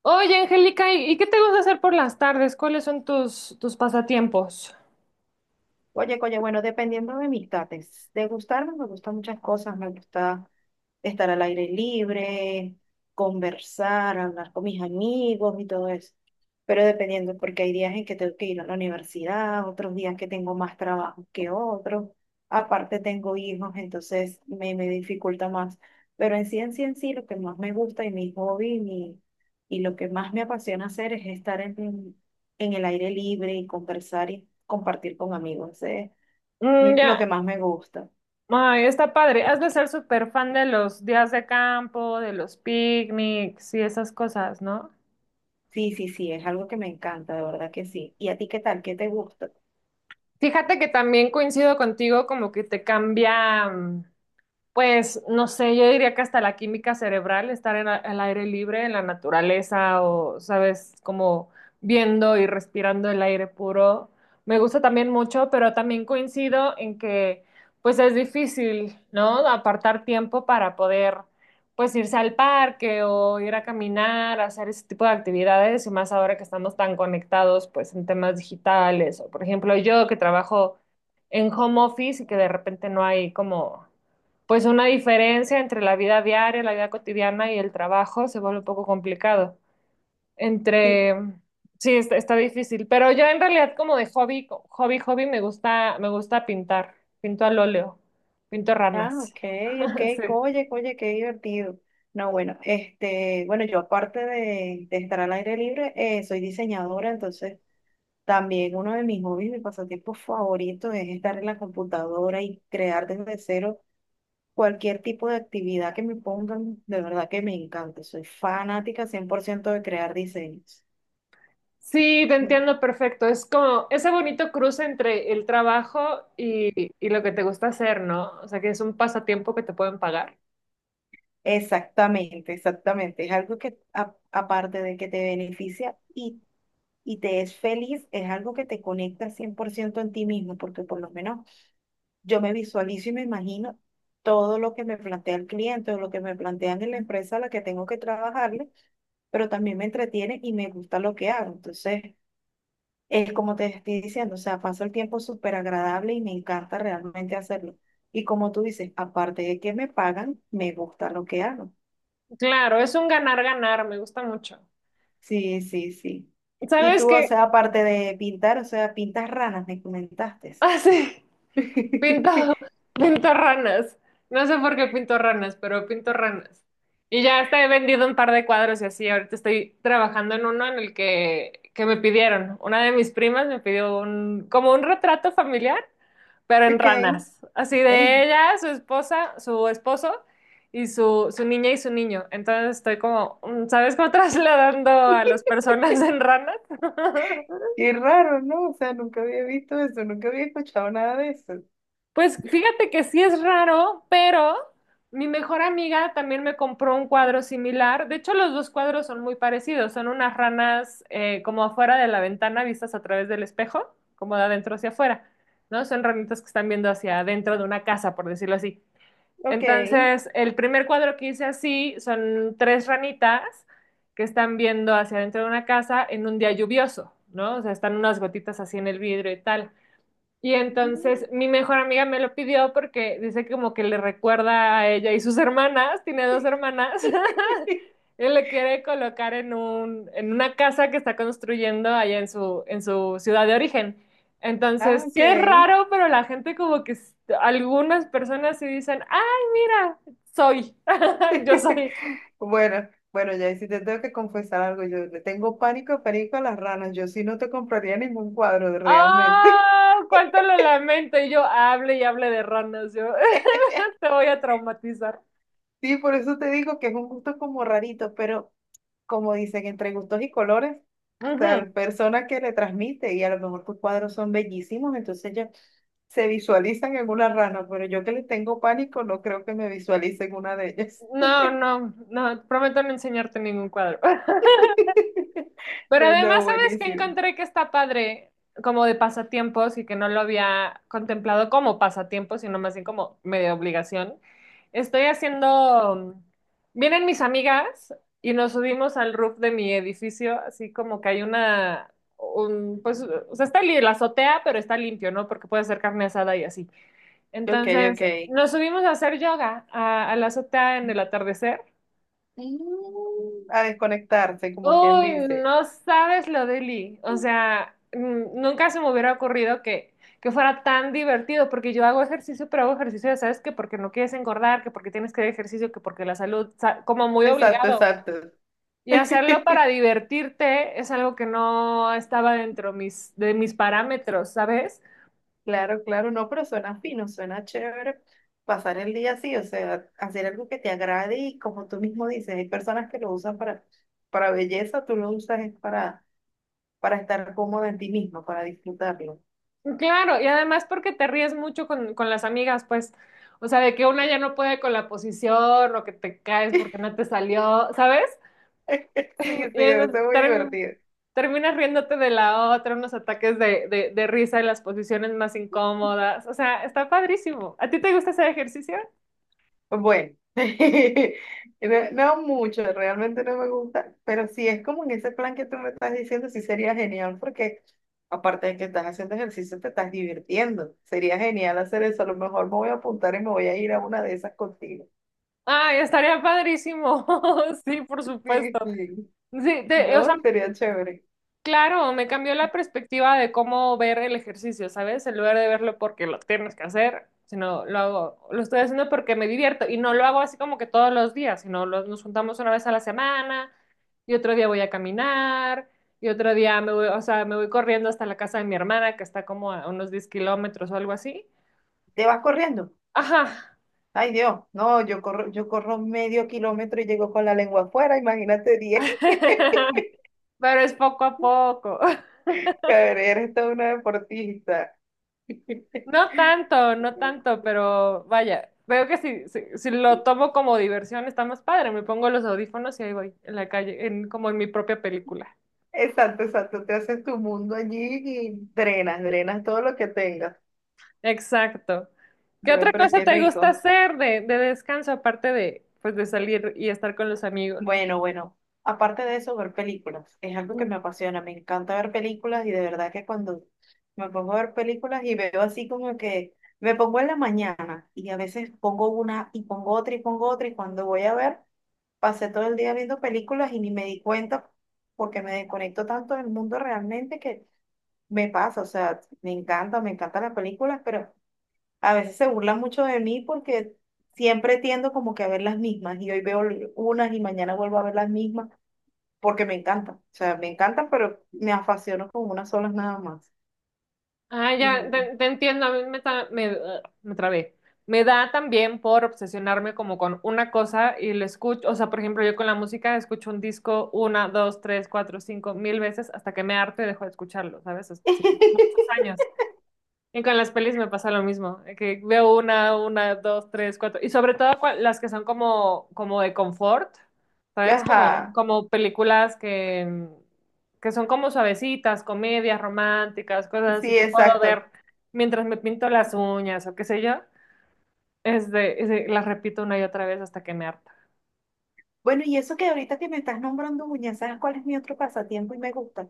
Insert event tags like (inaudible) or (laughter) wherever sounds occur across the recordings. Oye, Angélica, ¿y qué te gusta hacer por las tardes? ¿Cuáles son tus pasatiempos? Oye, oye, bueno, dependiendo de mis tates, de gustarme me gustan muchas cosas, me gusta estar al aire libre, conversar, hablar con mis amigos y todo eso, pero dependiendo, porque hay días en que tengo que ir a la universidad, otros días que tengo más trabajo que otros, aparte tengo hijos, entonces me dificulta más, pero en sí, lo que más me gusta y mi hobby y lo que más me apasiona hacer es estar en el aire libre y conversar y compartir con amigos. ¿Eh? Mm, Lo ya, que más me gusta. ay, está padre. Has de ser súper fan de los días de campo, de los picnics y esas cosas, ¿no? Sí, sí, sí, es algo que me encanta, de verdad que sí. ¿Y a ti qué tal? ¿Qué te gusta? Fíjate que también coincido contigo, como que te cambia. Pues no sé, yo diría que hasta la química cerebral, estar en al aire libre, en la naturaleza o, sabes, como viendo y respirando el aire puro, me gusta también mucho, pero también coincido en que pues es difícil, ¿no? Apartar tiempo para poder pues irse al parque o ir a caminar, hacer ese tipo de actividades y más ahora que estamos tan conectados pues en temas digitales o por ejemplo yo que trabajo en home office y que de repente no hay como pues una diferencia entre la vida diaria, la vida cotidiana y el trabajo se vuelve un poco complicado. Sí. Entre, sí, está difícil, pero yo en realidad como de hobby, hobby me gusta pintar, pinto al óleo, pinto Ah, ranas. ok, ok, (laughs) Sí. oye, oye, qué divertido. No, bueno, este, bueno, yo aparte de estar al aire libre, soy diseñadora, entonces también uno de mis hobbies, mi pasatiempo favorito es estar en la computadora y crear desde cero cualquier tipo de actividad que me pongan, de verdad que me encanta. Soy fanática 100% de crear diseños. Sí, te entiendo perfecto. Es como ese bonito cruce entre el trabajo y lo que te gusta hacer, ¿no? O sea, que es un pasatiempo que te pueden pagar. Exactamente, exactamente. Es algo que, aparte de que te beneficia y te es feliz, es algo que te conecta 100% en ti mismo, porque por lo menos yo me visualizo y me imagino todo lo que me plantea el cliente o lo que me plantean en la empresa a la que tengo que trabajarle, pero también me entretiene y me gusta lo que hago. Entonces, es como te estoy diciendo, o sea, paso el tiempo súper agradable y me encanta realmente hacerlo. Y como tú dices, aparte de que me pagan, me gusta lo que hago. Claro, es un ganar-ganar, me gusta mucho. Sí, sí, sí. Y ¿Sabes tú, o qué? sea, aparte de pintar, o sea, pintas ranas, me comentaste. (laughs) Ah, sí. (laughs) ¿Qué? Pinto, (laughs) pinto ranas. No sé por qué pinto ranas, pero pinto ranas. Y ya hasta he vendido un par de cuadros y así. Ahorita estoy trabajando en uno en el que me pidieron. Una de mis primas me pidió un, como un retrato familiar, pero en Ok, ranas. Así de ey, ella, su esposa, su esposo y su niña y su niño. Entonces estoy como, mm, ¿sabes cómo (laughs) trasladando a (laughs) las personas en ranas? (laughs) qué raro, ¿no? O sea, nunca había visto eso, nunca había escuchado nada de eso. Pues fíjate que sí es raro, pero mi mejor amiga también me compró un cuadro similar. De hecho, los dos cuadros son muy parecidos. Son unas ranas como afuera de la ventana vistas a través del espejo, como de adentro hacia afuera, ¿no? Son ranitas que están viendo hacia adentro de una casa, por decirlo así. Ok. Entonces, el primer cuadro que hice así son tres ranitas que están viendo hacia adentro de una casa en un día lluvioso, ¿no? O sea, están unas gotitas así en el vidrio y tal. Y entonces mi mejor amiga me lo pidió porque dice que como que le recuerda a ella y sus hermanas, tiene dos hermanas. (laughs) (laughs) Él le quiere colocar en en una casa que está construyendo allá en en su ciudad de origen. Ah, Entonces, sí ok. es raro, pero la gente como que algunas personas sí dicen, ay, mira, soy, (laughs) yo (laughs) soy. Bueno, bueno, ya y si te tengo que confesar algo, yo le tengo pánico, pánico a las ranas, yo sí no te compraría ningún cuadro de- realmente. (laughs) ¡Ah! ¡Cuánto lo lamento! Y yo hable y hable de ranas, yo (laughs) te voy a traumatizar. Sí, por eso te digo que es un gusto como rarito, pero como dicen, entre gustos y colores, o sea, Ujú. la persona que le transmite, y a lo mejor tus cuadros son bellísimos, entonces ya se visualizan en una rana, pero yo que le tengo pánico, no creo que me visualice en una de ellas. No, no, no, prometo no enseñarte ningún cuadro. (laughs) (laughs) Pero No, además, no, ¿sabes qué buenísimo. encontré que está padre como de pasatiempos y que no lo había contemplado como pasatiempos, sino más bien como medio obligación? Estoy haciendo, vienen mis amigas y nos subimos al roof de mi edificio, así como que hay pues, o sea, está la azotea, pero está limpio, ¿no? Porque puede hacer carne asada y así. Ok, ok. Entonces, nos subimos a hacer yoga a la azotea en el atardecer. Mm, a desconectarse, como quien Uy, dice. no sabes lo de Lee. O sea, mm, nunca se me hubiera ocurrido que fuera tan divertido, porque yo hago ejercicio, pero hago ejercicio, ya sabes que porque no quieres engordar, que porque tienes que hacer ejercicio, que porque la salud, como muy Exacto, obligado. exacto. Y hacerlo para (laughs) divertirte es algo que no estaba dentro de mis parámetros, ¿sabes? Claro, claro, no, pero suena fino, suena chévere pasar el día así, o sea, hacer algo que te agrade y como tú mismo dices, hay personas que lo usan para belleza, tú lo usas es para estar cómodo en ti mismo, para disfrutarlo. Claro, y además porque te ríes mucho con las amigas, pues, o sea, de que una ya no puede con la posición o que te caes porque no te salió, ¿sabes? (laughs) Sí, (laughs) Y sí, eso es entonces, muy divertido. terminas riéndote de la otra, unos ataques de risa en las posiciones más incómodas. O sea, está padrísimo. ¿A ti te gusta ese ejercicio? Bueno, (laughs) no, no mucho, realmente no me gusta, pero si es como en ese plan que tú me estás diciendo, sí sería genial porque aparte de que estás haciendo ejercicio, te estás divirtiendo. Sería genial hacer eso. A lo mejor me voy a apuntar y me voy a ir a una de esas contigo. (laughs) Ay, estaría padrísimo. (laughs) Sí, por Sí, supuesto. sí. Sí, o sea, No, sería chévere. claro, me cambió la perspectiva de cómo ver el ejercicio, ¿sabes? En lugar de verlo porque lo tienes que hacer, sino lo hago, lo estoy haciendo porque me divierto y no lo hago así como que todos los días, sino nos juntamos una vez a la semana y otro día voy a caminar, y otro día me voy, o sea, me voy corriendo hasta la casa de mi hermana, que está como a unos 10 kilómetros o algo así. ¿Te vas corriendo? Ajá. Ay, Dios, no, yo corro medio kilómetro y llego con la lengua afuera, imagínate 10. (laughs) Pero es poco a poco. (laughs) (laughs) Cabrera, eres toda una deportista. No tanto, no tanto, (laughs) pero vaya, veo que si lo tomo como diversión está más padre. Me pongo los audífonos y ahí voy, en la calle, como en mi propia película. Exacto, exacto. Te haces tu mundo allí y drenas, drenas todo lo que tengas. Exacto. ¿Qué Dios, otra pero cosa qué te gusta rico. hacer de descanso aparte de, pues, de salir y estar con los amigos? Bueno, bueno. Aparte de eso, ver películas. Es algo que me apasiona. Me encanta ver películas y de verdad que cuando me pongo a ver películas y veo así como que me pongo en la mañana y a veces pongo una y pongo otra y pongo otra y cuando voy a ver, pasé todo el día viendo películas y ni me di cuenta porque me desconecto tanto del mundo realmente que me pasa. O sea, me encanta, me encantan las películas, pero A veces se burlan mucho de mí porque siempre tiendo como que a ver las mismas y hoy veo unas y mañana vuelvo a ver las mismas porque me encantan. O sea, me encantan, pero me apasiono con unas solas nada más. Ah, ya, Ujú. Te entiendo, a mí me trabé. Me da también por obsesionarme como con una cosa y le escucho, o sea, por ejemplo, yo con la música escucho un disco una, dos, tres, cuatro, cinco, mil veces hasta que me harto y dejo de escucharlo, ¿sabes? Sí, muchos (laughs) años. Y con las pelis me pasa lo mismo, que veo una, dos, tres, cuatro, y sobre todo las que son como, como de confort, ¿sabes? Ajá, Como películas que son como suavecitas, comedias románticas, cosas así sí, que puedo exacto. ver mientras me pinto las uñas o qué sé yo, este las repito una y otra vez hasta que me harta. Bueno, y eso que ahorita que me estás nombrando uñas, ¿sabes cuál es mi otro pasatiempo y me gusta?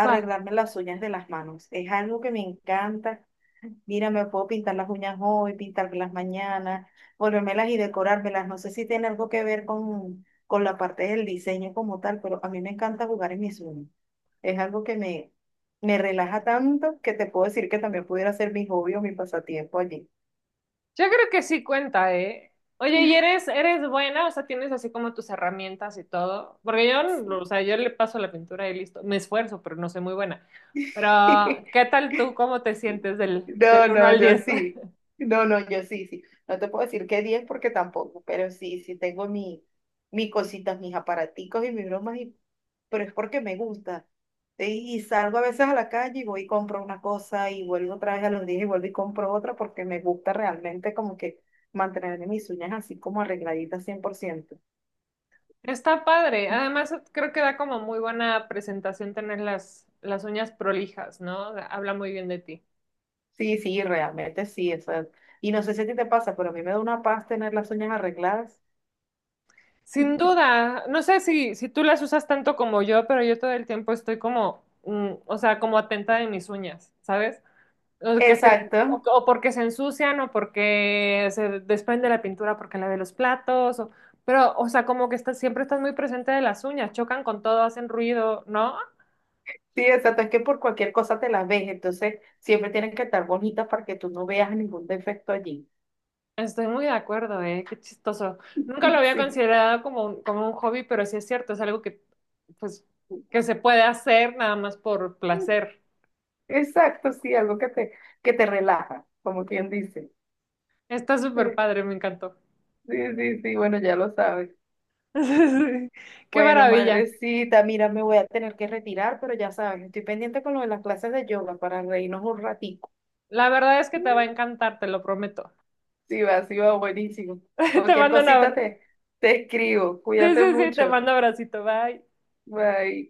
¿Cuál? las uñas de las manos. Es algo que me encanta. Mira, me puedo pintar las uñas hoy, pintarlas mañana, volvérmelas y decorármelas. No sé si tiene algo que ver con la parte del diseño como tal, pero a mí me encanta jugar en mis uñas. Es algo que me relaja tanto que te puedo decir que también pudiera ser mi hobby o mi pasatiempo allí. Yo creo que sí cuenta, ¿eh? Oye, ¿y eres buena? O sea, tienes así como tus herramientas y todo. Porque yo, o sea, yo le paso la pintura y listo. Me esfuerzo, pero no soy muy buena. Pero, ¿qué (laughs) tal tú? ¿Cómo te sientes No, del uno no, al yo diez? sí. (laughs) No, no, yo sí, sí. No te puedo decir que 10 porque tampoco, pero sí, sí tengo mis cositas, mis aparaticos y mis bromas, pero es porque me gusta. Y salgo a veces a la calle y voy y compro una cosa y vuelvo otra vez a los días y vuelvo y compro otra porque me gusta realmente como que mantener mis uñas así como arregladitas 100%. Está padre. Además, creo que da como muy buena presentación tener las uñas prolijas, ¿no? Habla muy bien de ti. Sí, sí, realmente sí. Eso es. Y no sé si a ti te pasa, pero a mí me da una paz tener las uñas arregladas. Sin (laughs) duda, no sé si tú las usas tanto como yo, pero yo todo el tiempo estoy como, mm, o sea, como atenta de mis uñas, ¿sabes? O, Exacto. o porque se ensucian, o porque se desprende la pintura porque la de los platos, pero, o sea, como que estás, siempre estás muy presente de las uñas, chocan con todo, hacen ruido, ¿no? Sí, exacto, es que por cualquier cosa te las ves, entonces siempre tienen que estar bonitas para que tú no veas ningún defecto allí. Estoy muy de acuerdo, ¿eh? Qué chistoso. Nunca lo había (laughs) considerado como como un hobby, pero sí es cierto, es algo pues, que se puede hacer nada más por Sí, placer. exacto, sí, algo que te relaja, como quien dice. Está súper Eh, padre, me encantó. (laughs) Sí, sí, sí, bueno, ya lo sabes. Sí, Qué Bueno, maravilla. madrecita, mira, me voy a tener que retirar, pero ya sabes, estoy pendiente con lo de las clases de yoga para reírnos un ratico. La verdad es que te va a encantar, te lo prometo. Sí, va, buenísimo. (laughs) Te Cualquier mando un cosita abrazo. Te escribo, Sí, sí, cuídate sí, te mucho. mando abracito, bye. Bye.